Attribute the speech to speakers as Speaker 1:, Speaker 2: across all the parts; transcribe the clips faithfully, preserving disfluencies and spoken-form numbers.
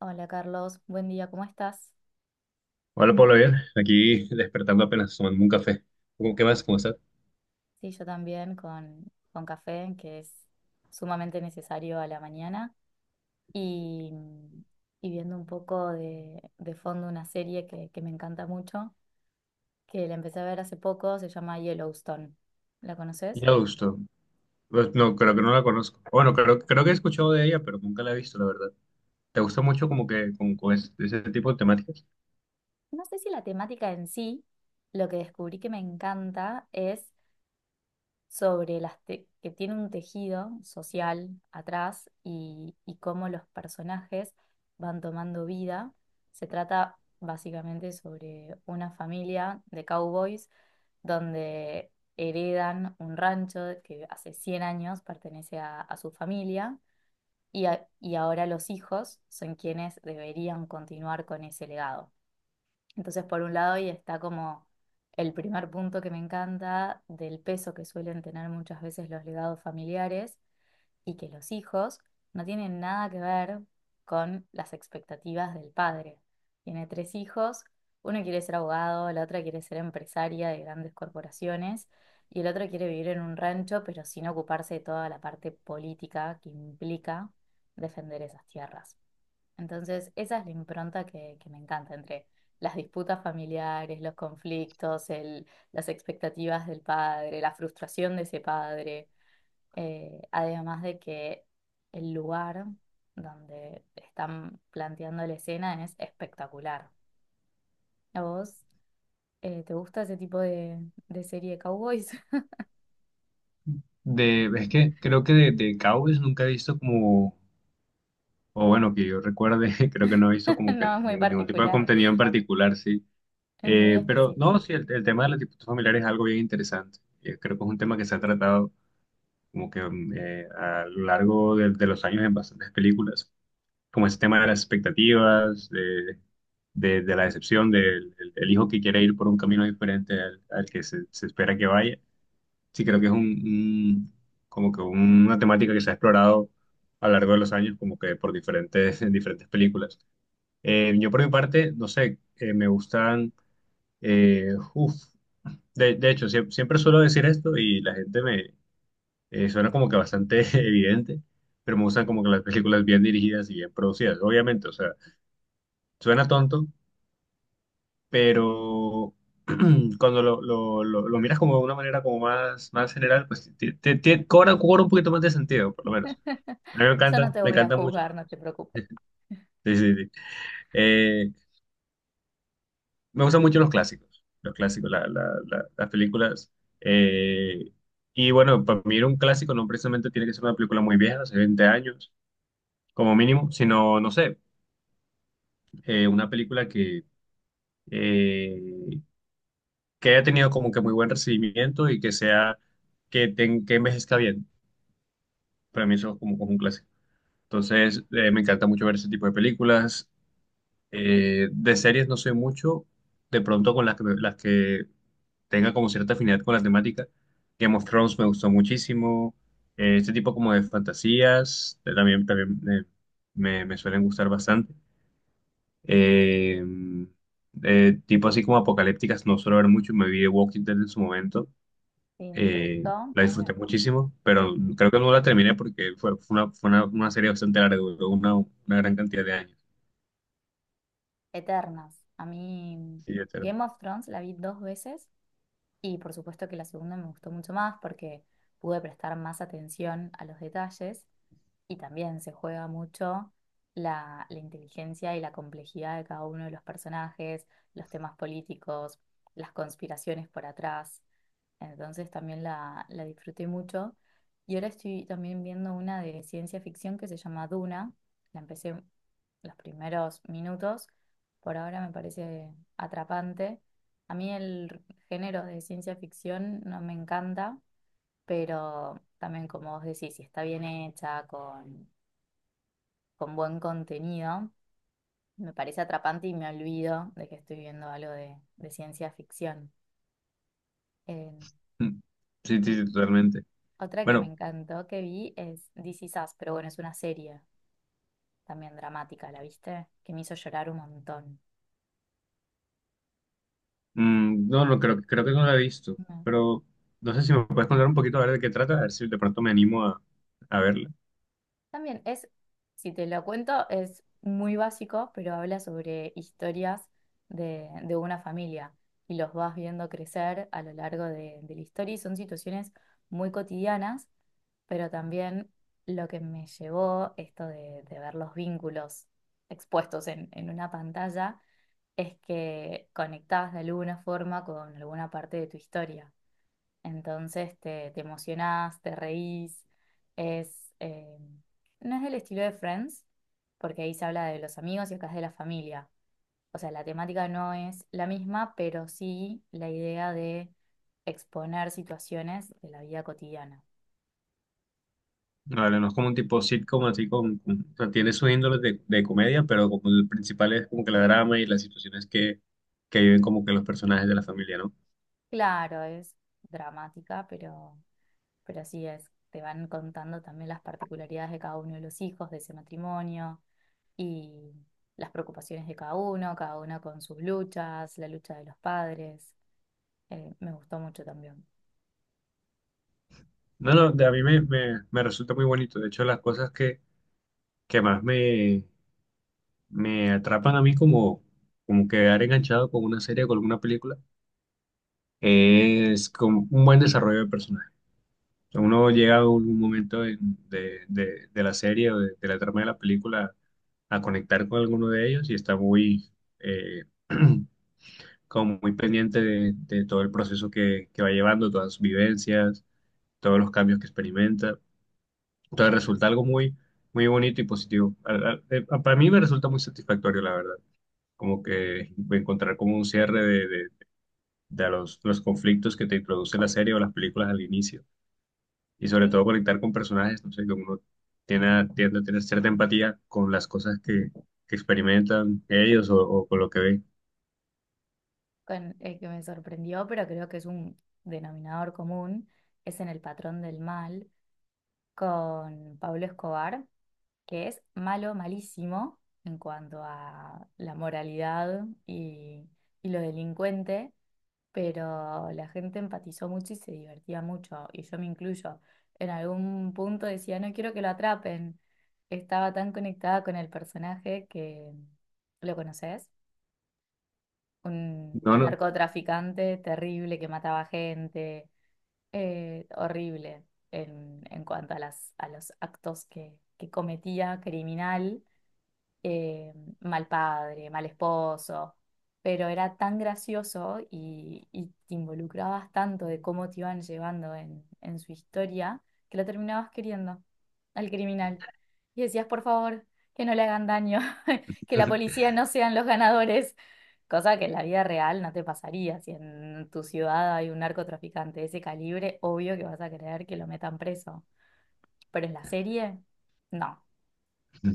Speaker 1: Hola Carlos, buen día, ¿cómo estás?
Speaker 2: Hola, Pablo, bien. Aquí despertando apenas tomando un café. ¿Cómo, qué más? ¿Cómo estás?
Speaker 1: Sí, yo también con, con café, que es sumamente necesario a la mañana, y, y viendo un poco de, de fondo una serie que, que me encanta mucho, que la empecé a ver hace poco, se llama Yellowstone. ¿La conoces?
Speaker 2: Ya, gusto. Pues, no, creo que no la conozco. Bueno, creo, creo que he escuchado de ella, pero nunca la he visto, la verdad. ¿Te gusta mucho como que con, con es- ese, tipo de temáticas?
Speaker 1: No sé si la temática en sí, lo que descubrí que me encanta es sobre las te- que tiene un tejido social atrás y, y cómo los personajes van tomando vida. Se trata básicamente sobre una familia de cowboys donde heredan un rancho que hace cien años pertenece a, a su familia y, a- y ahora los hijos son quienes deberían continuar con ese legado. Entonces, por un lado, ahí está como el primer punto que me encanta del peso que suelen tener muchas veces los legados familiares y que los hijos no tienen nada que ver con las expectativas del padre. Tiene tres hijos, uno quiere ser abogado, la otra quiere ser empresaria de grandes corporaciones y el otro quiere vivir en un rancho, pero sin ocuparse de toda la parte política que implica defender esas tierras. Entonces, esa es la impronta que, que me encanta entre las disputas familiares, los conflictos, el- las expectativas del padre, la frustración de ese padre, eh, además de que el lugar donde están planteando la escena es espectacular. ¿A vos eh, te gusta ese tipo de, de serie de cowboys?
Speaker 2: De, es que creo que de, de cowboys nunca he visto como, o bueno, que yo recuerde, creo que no he visto como que
Speaker 1: No, es muy
Speaker 2: ningún, ningún tipo de
Speaker 1: particular,
Speaker 2: contenido en particular, sí.
Speaker 1: es muy
Speaker 2: Eh, pero
Speaker 1: específico.
Speaker 2: no, sí, el, el tema de los tipos familiares es algo bien interesante. Eh, creo que es un tema que se ha tratado como que mm, eh, a lo largo de, de los años en bastantes películas, como ese tema de las expectativas, de, de, de la decepción del el- el hijo que quiere ir por un camino diferente al, al que se, se espera que vaya. Sí, creo que es un, un- como que una temática que se ha explorado a lo largo de los años, como que por diferentes, en diferentes películas. Eh, yo por mi parte, no sé, eh, me gustan, eh, uf, de, de hecho, sie- siempre suelo decir esto y la gente eh, suena como que bastante evidente, pero me gustan como que las películas bien dirigidas y bien producidas. Obviamente, o sea, suena tonto, pero cuando lo, lo, lo, lo miras como de una manera como más, más general, pues te te ti- cobra, cobra un poquito más de sentido, por lo menos. A mí me
Speaker 1: Yo no
Speaker 2: encantan,
Speaker 1: te
Speaker 2: me
Speaker 1: voy a
Speaker 2: encantan mucho.
Speaker 1: juzgar, no te preocupes.
Speaker 2: Sí, sí, sí. Eh, me gustan mucho los clásicos, los clásicos, la- la- la- las películas. eh, y bueno, para mí un clásico no precisamente tiene que ser una película muy vieja, hace veinte años como mínimo, sino, no sé, eh, una película que, eh, que haya tenido como que muy buen recibimiento y que sea, que, ten- que envejezca bien. Para mí eso es como, como un clásico. Entonces, eh, me encanta mucho ver ese tipo de películas. Eh, de series no soy mucho, de pronto con las que, las que tenga como cierta afinidad con la temática. Game of Thrones me gustó muchísimo. Eh, este tipo como de fantasías eh, también, también eh, me, me suelen gustar bastante. Eh, eh, tipo así como apocalípticas, no suelo ver mucho. Me vi The Walking Dead en su momento.
Speaker 1: Sí, ¿te gustó?
Speaker 2: eh, la
Speaker 1: A mí me-
Speaker 2: disfruté muchísimo, pero
Speaker 1: Sí.
Speaker 2: creo que no la terminé porque fue, fue una, fue una, una serie bastante larga, duró una, una gran cantidad de años.
Speaker 1: Eternas. A mí
Speaker 2: Sí, etcétera.
Speaker 1: Game of Thrones la vi dos veces y por supuesto que la segunda me gustó mucho más porque pude prestar más atención a los detalles y también se juega mucho la, la inteligencia y la complejidad de cada uno de los personajes, los temas políticos, las conspiraciones por atrás. Entonces también la, la disfruté mucho. Y ahora estoy también viendo una de ciencia ficción que se llama Duna. La empecé los primeros minutos. Por ahora me parece atrapante. A mí el género de ciencia ficción no me encanta, pero también como vos decís, si está bien hecha, con, con buen contenido, me parece atrapante y me olvido de que estoy viendo algo de, de ciencia ficción. Eh,
Speaker 2: Mm. Sí, sí,
Speaker 1: y
Speaker 2: sí, totalmente.
Speaker 1: otra que me
Speaker 2: Bueno,
Speaker 1: encantó que vi es This Is Us, pero bueno, es una serie también dramática, ¿la viste? Que me hizo llorar un montón.
Speaker 2: mm, no, no creo, creo que no la he visto,
Speaker 1: Mm.
Speaker 2: pero no sé si me puedes contar un poquito a ver de qué trata, a ver si de pronto me animo a, a verla.
Speaker 1: También es, si te lo cuento, es muy básico, pero habla sobre historias de, de una familia y los vas viendo crecer a lo largo de, de la historia y son situaciones muy cotidianas, pero también lo que me llevó esto de, de ver los vínculos expuestos en en una pantalla es que conectás de alguna forma con alguna parte de tu historia. Entonces te, te emocionás, te reís. Es, eh, no es del estilo de Friends, porque ahí se habla de los amigos y acá es de la familia. O sea, la temática no es la misma, pero sí la idea de exponer situaciones de la vida cotidiana.
Speaker 2: Vale, no es como un tipo sitcom, así con, con- o sea, tiene sus índoles de, de comedia, pero como el principal es como que la drama y las situaciones que, que viven como que los personajes de la familia, ¿no?
Speaker 1: Claro, es dramática, pero Pero así es, te van contando también las particularidades de cada uno de los hijos de ese matrimonio y las preocupaciones de cada uno, cada uno con sus luchas, la lucha de los padres. Eh, me gustó mucho también.
Speaker 2: No, no, de- a mí me, me, me resulta muy bonito. De hecho, las cosas que, que más me, me atrapan a mí como, como quedar enganchado con una serie o con alguna película es con un buen desarrollo de personajes. O sea, uno llega a un momento en- de, de- de la serie o de, de la trama de la película a conectar con alguno de ellos y está muy, eh, como muy pendiente de, de todo el proceso que, que va llevando, todas sus vivencias, todos los cambios que experimenta. Entonces resulta algo muy, muy bonito y positivo. Al- al- eh, Para mí me resulta muy satisfactorio, la verdad. Como que encontrar como un cierre de, de- de los, los conflictos que te introduce la serie o las películas al inicio. Y sobre
Speaker 1: Y
Speaker 2: todo conectar con personajes, no sé, que uno tiene, a- tiende a tener cierta empatía con las cosas que, que experimentan ellos o, o con lo que ven.
Speaker 1: con el que me sorprendió, pero creo que es un denominador común, es en El patrón del mal con Pablo Escobar, que es malo, malísimo en cuanto a la moralidad y, y lo delincuente, pero la gente empatizó mucho y se divertía mucho, y yo me incluyo. En algún punto decía, no quiero que lo atrapen. Estaba tan conectada con el personaje que, ¿lo conoces? Un
Speaker 2: No, no.
Speaker 1: narcotraficante terrible que mataba gente, eh, horrible en, en cuanto a las, a los actos que, que cometía, criminal, eh, mal padre, mal esposo, pero era tan gracioso y, y te involucrabas tanto de cómo te iban llevando en, en su historia que lo terminabas queriendo al criminal. Y decías, por favor, que no le hagan daño, que la policía no sean los ganadores, cosa que en la vida real no te pasaría. Si en tu ciudad hay un narcotraficante de ese calibre, obvio que vas a querer que lo metan preso, pero en la serie, no,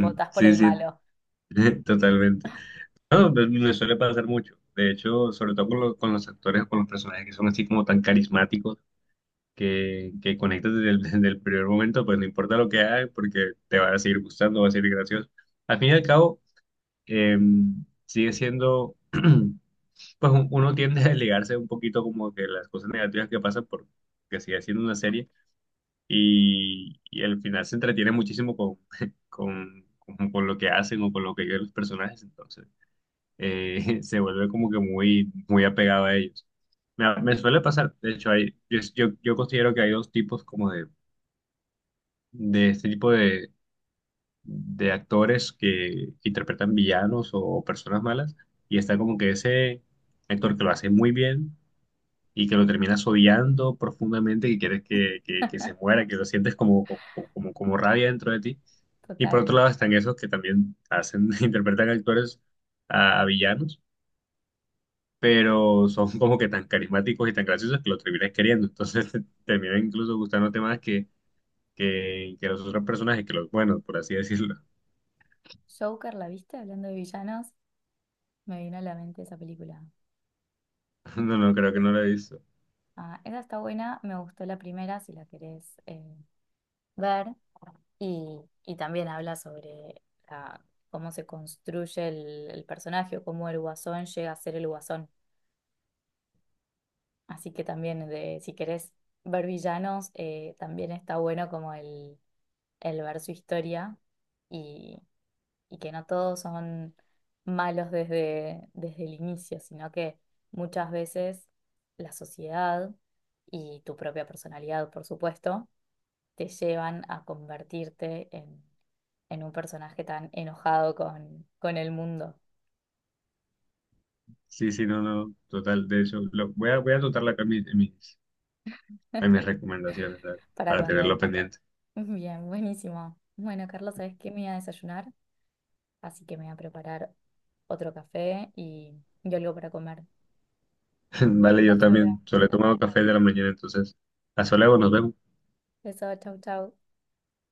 Speaker 1: votas por
Speaker 2: Sí,
Speaker 1: el
Speaker 2: sí,
Speaker 1: malo.
Speaker 2: totalmente. No, pues, me suele pasar mucho. De hecho, sobre todo con, lo- con los actores o con los personajes que son así como tan carismáticos que, que conectas desde el, desde el primer momento, pues no importa lo que hagas porque te va a seguir gustando, va a ser gracioso. Al fin y al cabo, em, sigue siendo pues un- uno tiende a desligarse un poquito como que las cosas negativas que pasan porque sigue siendo una serie y, y al final se entretiene muchísimo con, con, con, con lo que hacen o con lo que quieren los personajes, entonces eh, se vuelve como que muy, muy apegado a ellos. Me, me suele pasar, de hecho, hay, yo, yo, yo considero que hay dos tipos como de, de este tipo de, de actores que, que interpretan villanos o, personas malas y está como que ese actor que lo hace muy bien y que lo terminas odiando profundamente, que quieres que, que- que se muera, que lo sientes como, como, como, como rabia dentro de ti. Y por otro
Speaker 1: Total.
Speaker 2: lado están esos que también hacen, interpretan actores a, a villanos, pero son como que tan carismáticos y tan graciosos que lo terminas queriendo. Entonces te termina incluso gustándote más que, que, que los otros personajes, que los buenos, por así decirlo.
Speaker 1: Joker, ¿la viste? Hablando de villanos, me vino a la mente esa película.
Speaker 2: No, no, creo que no lo he visto.
Speaker 1: Ah, esa está buena, me gustó la primera, si la querés eh, ver. Y, y también habla sobre la- cómo se construye el, el personaje o cómo el guasón llega a ser el guasón. Así que también, de, si querés ver villanos, eh, también está bueno como el, el ver su historia y y que no todos son malos desde, desde el inicio, sino que muchas veces la sociedad y tu propia personalidad, por supuesto, te llevan a convertirte en, en un personaje tan enojado con, con el mundo.
Speaker 2: Sí, sí, no, no, total. De hecho, lo, voy a, voy a anotarlo acá en mis, en mis, en mis recomendaciones, ¿sabes?
Speaker 1: Para
Speaker 2: Para
Speaker 1: cuando...
Speaker 2: tenerlo pendiente.
Speaker 1: Bien, buenísimo. Bueno, Carlos, ¿sabes qué? Me voy a desayunar, así que me voy a preparar otro café y, y algo para comer.
Speaker 2: Vale, yo
Speaker 1: Nos habla.
Speaker 2: también. Solo he tomado café de la mañana, entonces. Hasta luego, nos vemos.
Speaker 1: Eso, chau, chau.